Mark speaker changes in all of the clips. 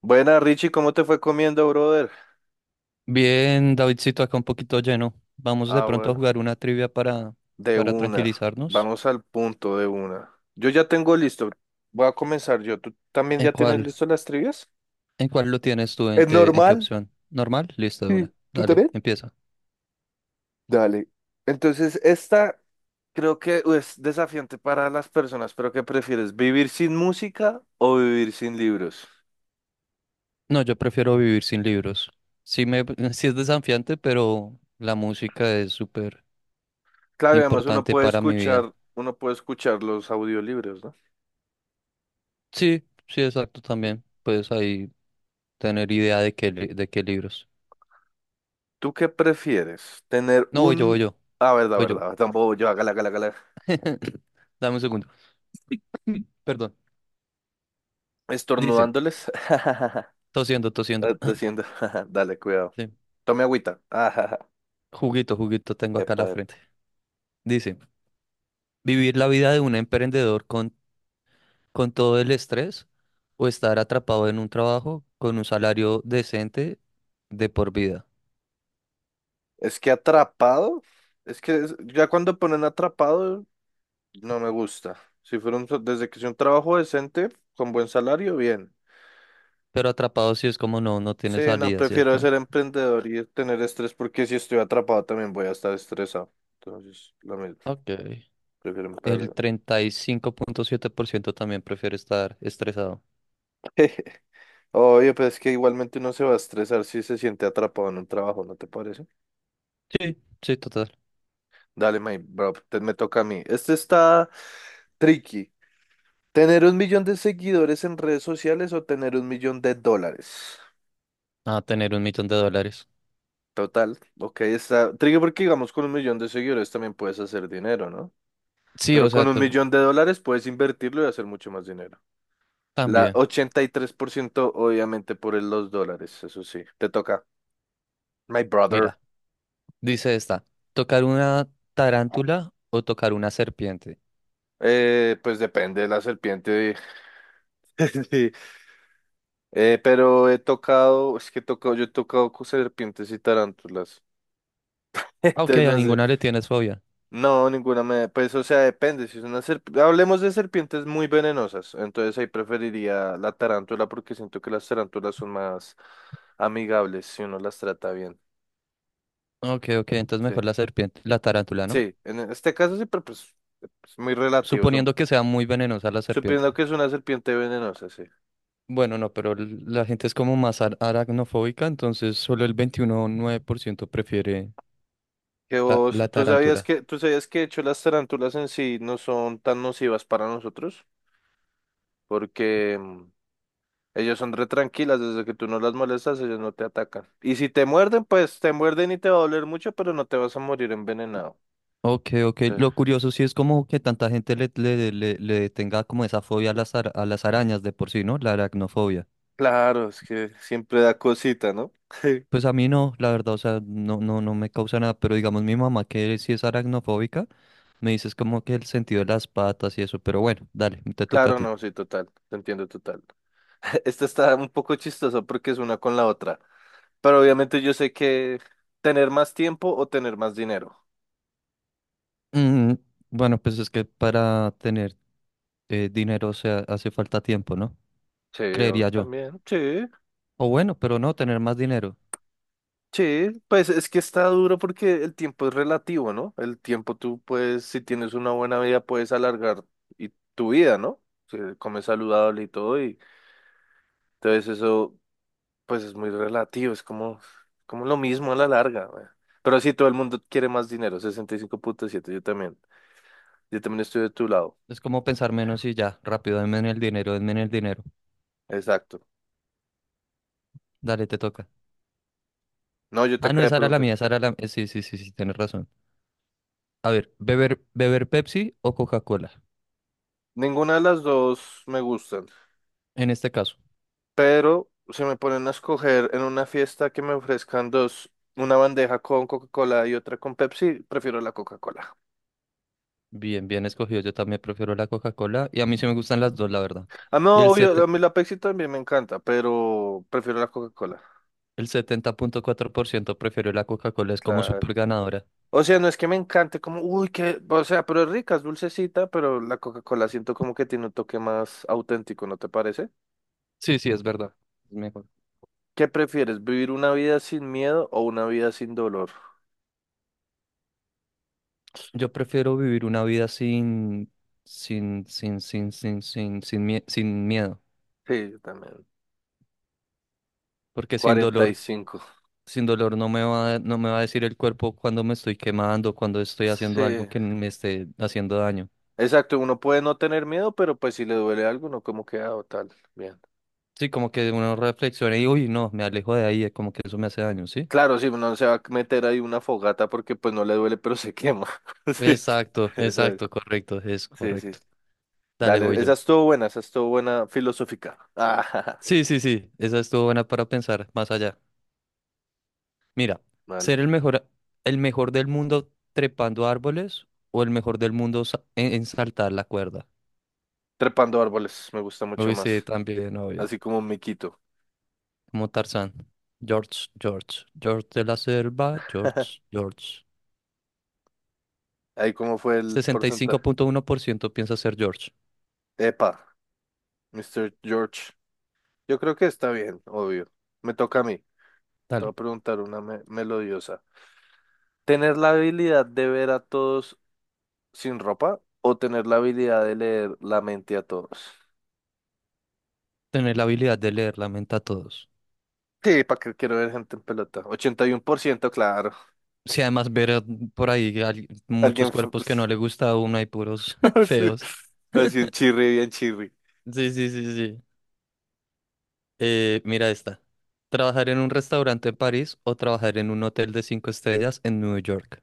Speaker 1: Buena, Richie, ¿cómo te fue comiendo, brother?
Speaker 2: Bien, Davidcito, acá un poquito lleno. Vamos de
Speaker 1: Ah,
Speaker 2: pronto a
Speaker 1: bueno,
Speaker 2: jugar una trivia para,
Speaker 1: de
Speaker 2: para
Speaker 1: una.
Speaker 2: tranquilizarnos.
Speaker 1: Vamos al punto de una. Yo ya tengo listo. Voy a comenzar yo. ¿Tú también
Speaker 2: ¿En
Speaker 1: ya tienes
Speaker 2: cuál?
Speaker 1: listo las trivias?
Speaker 2: ¿En cuál lo tienes tú? ¿En
Speaker 1: ¿Es
Speaker 2: qué, en qué
Speaker 1: normal?
Speaker 2: opción? ¿Normal? Listo, de
Speaker 1: Sí,
Speaker 2: una.
Speaker 1: ¿tú
Speaker 2: Dale,
Speaker 1: también?
Speaker 2: empieza.
Speaker 1: Dale. Entonces, esta creo que es desafiante para las personas, pero ¿qué prefieres? ¿Vivir sin música o vivir sin libros?
Speaker 2: No, yo prefiero vivir sin libros. Sí, me, sí es desafiante, pero la música es súper
Speaker 1: Claro, y además uno
Speaker 2: importante
Speaker 1: puede
Speaker 2: para mi vida.
Speaker 1: escuchar, uno puede escuchar los audiolibros, ¿no?
Speaker 2: Sí, sí, exacto, también. Puedes ahí tener idea de de qué libros.
Speaker 1: ¿Tú qué prefieres? ¿Tener
Speaker 2: No, voy yo, voy
Speaker 1: un...
Speaker 2: yo,
Speaker 1: Ah, verdad,
Speaker 2: voy yo.
Speaker 1: verdad, tampoco yo, hágala, hágala, hágala.
Speaker 2: Dame un segundo. Perdón. Dice,
Speaker 1: Estornudándoles.
Speaker 2: tosiendo, tosiendo.
Speaker 1: Ah, tosiendo. Dale, cuidado.
Speaker 2: Sí.
Speaker 1: Tome agüita. Epa,
Speaker 2: Juguito, juguito tengo acá a la
Speaker 1: epa.
Speaker 2: frente. Dice, ¿vivir la vida de un emprendedor con todo el estrés o estar atrapado en un trabajo con un salario decente de por vida?
Speaker 1: Es que atrapado. Es que ya cuando ponen atrapado, no me gusta. Si fuera desde que sea un trabajo decente, con buen salario, bien.
Speaker 2: Pero atrapado si es como no, no
Speaker 1: Sí,
Speaker 2: tiene
Speaker 1: no,
Speaker 2: salida,
Speaker 1: prefiero
Speaker 2: ¿cierto?
Speaker 1: ser emprendedor y tener estrés porque si estoy atrapado también voy a estar estresado. Entonces, lo mismo,
Speaker 2: Ok.
Speaker 1: prefiero
Speaker 2: El
Speaker 1: emprender.
Speaker 2: 35,7% también prefiere estar estresado.
Speaker 1: Oye, pues es que igualmente uno se va a estresar si se siente atrapado en un trabajo, ¿no te parece?
Speaker 2: Sí. Sí, total.
Speaker 1: Dale, my bro, me toca a mí. Este está tricky. ¿Tener un millón de seguidores en redes sociales o tener un millón de dólares?
Speaker 2: A tener un millón de dólares.
Speaker 1: Total, ok, está tricky porque digamos con un millón de seguidores también puedes hacer dinero, ¿no?
Speaker 2: Sí, o
Speaker 1: Pero con
Speaker 2: sea,
Speaker 1: un millón de dólares puedes invertirlo y hacer mucho más dinero. La
Speaker 2: también.
Speaker 1: 83%, obviamente por los dólares, eso sí, te toca. My brother.
Speaker 2: Mira, dice esta, ¿tocar una tarántula o tocar una serpiente?
Speaker 1: Pues depende de la serpiente. Pero he tocado, es que he tocado, yo he tocado con serpientes y tarántulas.
Speaker 2: Ah, ok,
Speaker 1: Entonces
Speaker 2: a
Speaker 1: no sé,
Speaker 2: ninguna le tienes fobia.
Speaker 1: no, pues o sea, depende, si es una serpiente, hablemos de serpientes muy venenosas, entonces ahí preferiría la tarántula porque siento que las tarántulas son más amigables si uno las trata bien.
Speaker 2: Ok, ok, entonces
Speaker 1: Sí,
Speaker 2: mejor la serpiente, la tarántula, ¿no?
Speaker 1: sí, en este caso sí, pero pues es muy relativo, son,
Speaker 2: Suponiendo que sea muy venenosa la serpiente.
Speaker 1: suponiendo que es una serpiente venenosa, sí.
Speaker 2: Bueno, no, pero la gente es como más aracnofóbica, entonces solo el 21,9% prefiere
Speaker 1: Que
Speaker 2: la,
Speaker 1: vos,
Speaker 2: la
Speaker 1: ¿tú sabías
Speaker 2: tarántula.
Speaker 1: que, tú sabías que de hecho las tarántulas en sí no son tan nocivas para nosotros? Porque ellos son re tranquilas, desde que tú no las molestas, ellos no te atacan. Y si te muerden, pues te muerden y te va a doler mucho, pero no te vas a morir envenenado.
Speaker 2: Ok, ok.
Speaker 1: Sí.
Speaker 2: Lo curioso sí es como que tanta gente le tenga como esa fobia a a las arañas de por sí, ¿no? La aracnofobia.
Speaker 1: Claro, es que siempre da cosita, ¿no?
Speaker 2: Pues a mí no, la verdad, o sea, no, no, no me causa nada, pero digamos mi mamá que sí es aracnofóbica, me dices como que el sentido de las patas y eso, pero bueno, dale, te toca a
Speaker 1: Claro,
Speaker 2: ti.
Speaker 1: no, sí, total, te entiendo total. Esta está un poco chistosa porque es una con la otra, pero obviamente yo sé que tener más tiempo o tener más dinero.
Speaker 2: Mm, bueno, pues es que para tener dinero, o sea, hace falta tiempo, ¿no?
Speaker 1: Sí, o
Speaker 2: Creería yo.
Speaker 1: también, sí.
Speaker 2: O bueno, pero no, tener más dinero.
Speaker 1: Sí, pues es que está duro porque el tiempo es relativo, ¿no? El tiempo tú puedes, si tienes una buena vida, puedes alargar y tu vida, ¿no? Si comes saludable y todo, y entonces eso, pues es muy relativo, es como, como lo mismo a la larga, güey. Pero sí, todo el mundo quiere más dinero, 65.7. Yo también estoy de tu lado,
Speaker 2: Es como pensar menos y ya, rápido, denme en el dinero, denme en el dinero.
Speaker 1: exacto.
Speaker 2: Dale, te toca.
Speaker 1: No, yo te
Speaker 2: Ah, no,
Speaker 1: acabo de
Speaker 2: esa era la
Speaker 1: preguntar.
Speaker 2: mía, esa era Sí, sí, sí, sí, tienes razón. A ver, beber Pepsi o Coca-Cola,
Speaker 1: Ninguna de las dos me gustan.
Speaker 2: en este caso.
Speaker 1: Pero si me ponen a escoger en una fiesta que me ofrezcan dos, una bandeja con Coca-Cola y otra con Pepsi, prefiero la Coca-Cola.
Speaker 2: Bien, bien escogido. Yo también prefiero la Coca-Cola y a mí sí me gustan las dos, la verdad.
Speaker 1: Ah,
Speaker 2: Y
Speaker 1: no, obvio, a mí la Pepsi también me encanta, pero prefiero la Coca-Cola,
Speaker 2: el 70,4% prefiero la Coca-Cola, es como
Speaker 1: claro.
Speaker 2: súper ganadora.
Speaker 1: O sea, no es que me encante, como, uy, que, o sea, pero es rica, es dulcecita, pero la Coca-Cola siento como que tiene un toque más auténtico, ¿no te parece?
Speaker 2: Sí, sí, es verdad. Es mejor.
Speaker 1: ¿Qué prefieres, vivir una vida sin miedo o una vida sin dolor?
Speaker 2: Yo prefiero vivir una vida sin miedo,
Speaker 1: Sí, yo también.
Speaker 2: porque sin
Speaker 1: cuarenta y
Speaker 2: dolor,
Speaker 1: cinco
Speaker 2: sin dolor no me va, no me va a decir el cuerpo cuando me estoy quemando, cuando estoy haciendo algo
Speaker 1: Sí.
Speaker 2: que me esté haciendo daño.
Speaker 1: Exacto, uno puede no tener miedo, pero pues si le duele algo, no como queda o tal. Bien.
Speaker 2: Sí, como que uno reflexiona y, uy, no, me alejo de ahí, como que eso me hace daño, ¿sí?
Speaker 1: Claro, si uno se va a meter ahí una fogata porque pues no le duele, pero se quema. Sí,
Speaker 2: Exacto,
Speaker 1: exacto.
Speaker 2: exacto, correcto, es
Speaker 1: Sí, sí.
Speaker 2: correcto.
Speaker 1: Sí.
Speaker 2: Dale, voy
Speaker 1: Dale,
Speaker 2: yo.
Speaker 1: esa estuvo buena filosófica. Ah, jaja,
Speaker 2: Sí, sí, sí, esa estuvo buena para pensar más allá. Mira,
Speaker 1: vale.
Speaker 2: ser el mejor del mundo trepando árboles o el mejor del mundo en saltar la cuerda.
Speaker 1: Trepando árboles, me gusta mucho
Speaker 2: Uy, sí,
Speaker 1: más.
Speaker 2: también, obvio.
Speaker 1: Así como un miquito.
Speaker 2: Como Tarzán. George, George, George de la selva, George, George.
Speaker 1: Ahí cómo fue el
Speaker 2: Sesenta y cinco
Speaker 1: porcentaje.
Speaker 2: punto uno por ciento piensa ser George.
Speaker 1: Epa, Mr. George. Yo creo que está bien, obvio. Me toca a mí. Te voy a
Speaker 2: Dale.
Speaker 1: preguntar una melodiosa. Tener la habilidad de ver a todos sin ropa o tener la habilidad de leer la mente a todos.
Speaker 2: Tener la habilidad de leer la mente a todos.
Speaker 1: Sí, ¿para qué quiero ver gente en pelota? 81%, claro.
Speaker 2: Sí, además ver por ahí muchos
Speaker 1: Alguien.
Speaker 2: cuerpos que no le gusta a uno y puros
Speaker 1: Así,
Speaker 2: feos.
Speaker 1: así un chirri, bien chirri.
Speaker 2: Sí, sí, sí, sí. Mira esta. ¿Trabajar en un restaurante en París o trabajar en un hotel de cinco estrellas en Nueva York?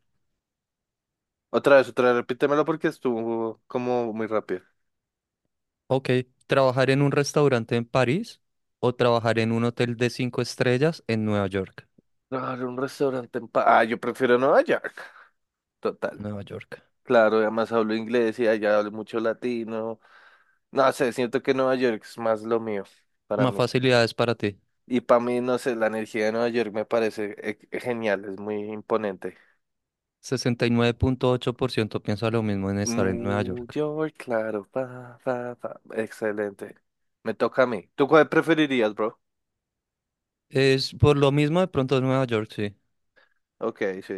Speaker 1: Otra vez, repítemelo porque estuvo como muy rápido.
Speaker 2: Ok, ¿trabajar en un restaurante en París o trabajar en un hotel de cinco estrellas en Nueva York?
Speaker 1: Claro, un restaurante en paz. Ah, yo prefiero Nueva York. Total.
Speaker 2: Nueva York.
Speaker 1: Claro, además hablo inglés y allá hablo mucho latino. No sé, siento que Nueva York es más lo mío para
Speaker 2: Más
Speaker 1: mí.
Speaker 2: facilidades para ti.
Speaker 1: Y para mí, no sé, la energía de Nueva York me parece genial, es muy imponente.
Speaker 2: 69,8% piensa lo mismo en estar en Nueva
Speaker 1: New
Speaker 2: York.
Speaker 1: York, claro. Pa, pa, pa. Excelente. Me toca a mí. ¿Tú cuál preferirías, bro?
Speaker 2: Es por lo mismo de pronto en Nueva York, sí.
Speaker 1: Ok, sí.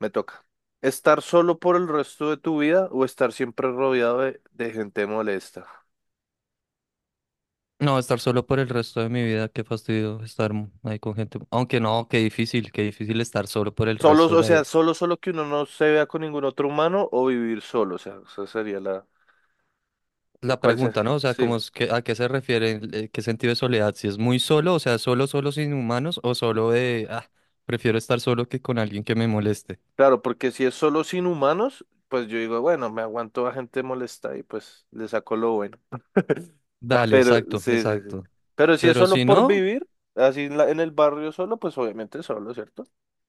Speaker 1: Me toca. ¿Estar solo por el resto de tu vida o estar siempre rodeado de gente molesta?
Speaker 2: No, estar solo por el resto de mi vida, qué fastidio estar ahí con gente. Aunque no, qué difícil estar solo por el
Speaker 1: Solo,
Speaker 2: resto de
Speaker 1: o
Speaker 2: la
Speaker 1: sea,
Speaker 2: vida.
Speaker 1: solo, que uno no se vea con ningún otro humano o vivir solo. O sea, esa sería la...
Speaker 2: La
Speaker 1: ¿Cuál sería?
Speaker 2: pregunta, ¿no? O sea,
Speaker 1: Sí.
Speaker 2: como es que, ¿a qué se refiere? ¿Qué sentido de soledad? Si es muy solo, o sea, solo, solo sin humanos, o solo prefiero estar solo que con alguien que me moleste.
Speaker 1: Claro, porque si es solo sin humanos, pues yo digo, bueno, me aguanto a gente molesta y pues le saco lo bueno. Ah,
Speaker 2: Dale,
Speaker 1: pero,
Speaker 2: exacto,
Speaker 1: sí, sí, sí.
Speaker 2: exacto.
Speaker 1: Pero si es
Speaker 2: Pero
Speaker 1: solo
Speaker 2: si
Speaker 1: por
Speaker 2: no,
Speaker 1: vivir, así en el barrio solo, pues obviamente solo, ¿cierto?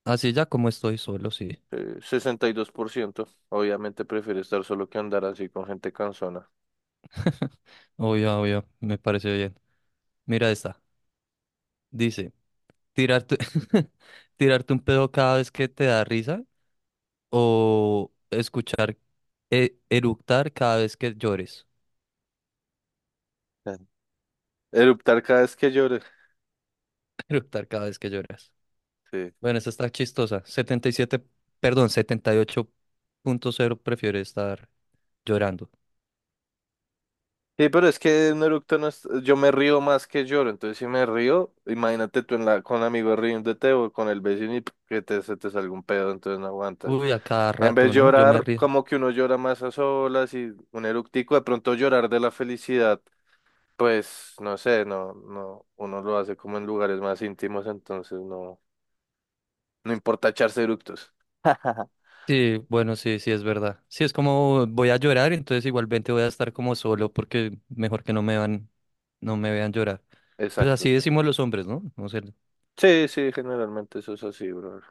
Speaker 2: así ya como estoy solo, sí.
Speaker 1: 62% obviamente prefiere estar solo que andar así con gente cansona.
Speaker 2: Obvio, obvio, me parece bien. Mira esta. Dice, tirarte, tirarte un pedo cada vez que te da risa o escuchar eructar cada vez que llores.
Speaker 1: Ah. Eruptar cada vez que llore.
Speaker 2: Eructar cada vez que lloras.
Speaker 1: Sí.
Speaker 2: Bueno, esta está chistosa. Setenta y siete perdón, 78,0 prefiere estar llorando.
Speaker 1: Sí, pero es que un eructo no es, yo me río más que lloro, entonces si me río, imagínate tú en la, con amigos riéndote o con el vecino y que se te salga un pedo, entonces no aguanta.
Speaker 2: Uy, a cada
Speaker 1: En vez de
Speaker 2: rato, ¿no? Yo me
Speaker 1: llorar,
Speaker 2: río.
Speaker 1: como que uno llora más a solas y un eructico, de pronto llorar de la felicidad. Pues no sé, no, no, uno lo hace como en lugares más íntimos, entonces no, no importa echarse eructos.
Speaker 2: Sí, bueno, sí, sí, es verdad. Sí, es como voy a llorar, entonces igualmente voy a estar como solo porque mejor que no me vean llorar. Pues
Speaker 1: Exacto.
Speaker 2: así
Speaker 1: Sí.
Speaker 2: decimos los hombres, ¿no? No sé.
Speaker 1: Sí, sí, generalmente eso es así, brother.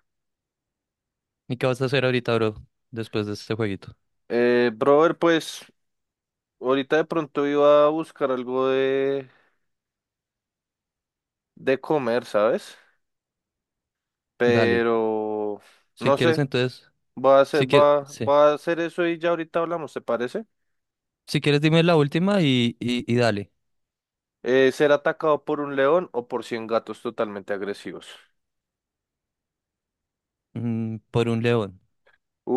Speaker 2: ¿Y qué vas a hacer ahorita, bro? Después de este jueguito.
Speaker 1: Brother, pues ahorita de pronto iba a buscar algo de comer, ¿sabes?
Speaker 2: Dale.
Speaker 1: Pero
Speaker 2: Si
Speaker 1: no
Speaker 2: quieres,
Speaker 1: sé,
Speaker 2: entonces.
Speaker 1: va a hacer,
Speaker 2: Si quieres,
Speaker 1: va,
Speaker 2: sí.
Speaker 1: va a hacer eso y ya ahorita hablamos, ¿te parece?
Speaker 2: Si quieres, dime la última y dale.
Speaker 1: Ser atacado por un león o por 100 gatos totalmente agresivos.
Speaker 2: Por un león.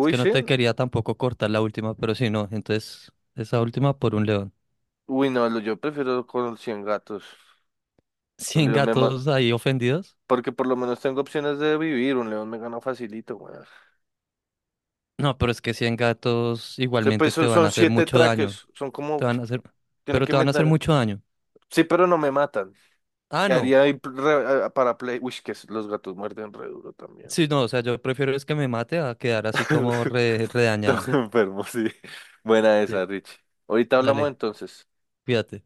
Speaker 2: Es que no
Speaker 1: sí.
Speaker 2: te quería tampoco cortar la última, pero si no, entonces esa última por un león.
Speaker 1: Uy, no, yo prefiero con los 100 gatos. Un
Speaker 2: ¿100
Speaker 1: león me ma-
Speaker 2: gatos ahí ofendidos?
Speaker 1: Porque por lo menos tengo opciones de vivir. Un león me gana facilito, güey. O
Speaker 2: No, pero es que 100 gatos
Speaker 1: sea, pues
Speaker 2: igualmente te
Speaker 1: son
Speaker 2: van
Speaker 1: son
Speaker 2: a hacer
Speaker 1: siete
Speaker 2: mucho daño.
Speaker 1: traques. Son
Speaker 2: Te
Speaker 1: como...
Speaker 2: van a hacer,
Speaker 1: Tiene
Speaker 2: pero
Speaker 1: que
Speaker 2: te van a hacer
Speaker 1: meter...
Speaker 2: mucho daño.
Speaker 1: Sí, pero no me matan.
Speaker 2: Ah,
Speaker 1: ¿Qué
Speaker 2: no.
Speaker 1: haría ahí para play? Uy, que los gatos muerden re duro también.
Speaker 2: Sí, no, o sea, yo prefiero es que me mate a quedar así como
Speaker 1: Estamos
Speaker 2: redañado.
Speaker 1: enfermos, sí. Buena
Speaker 2: Sí,
Speaker 1: esa, Rich. Ahorita hablamos
Speaker 2: dale,
Speaker 1: entonces.
Speaker 2: cuídate.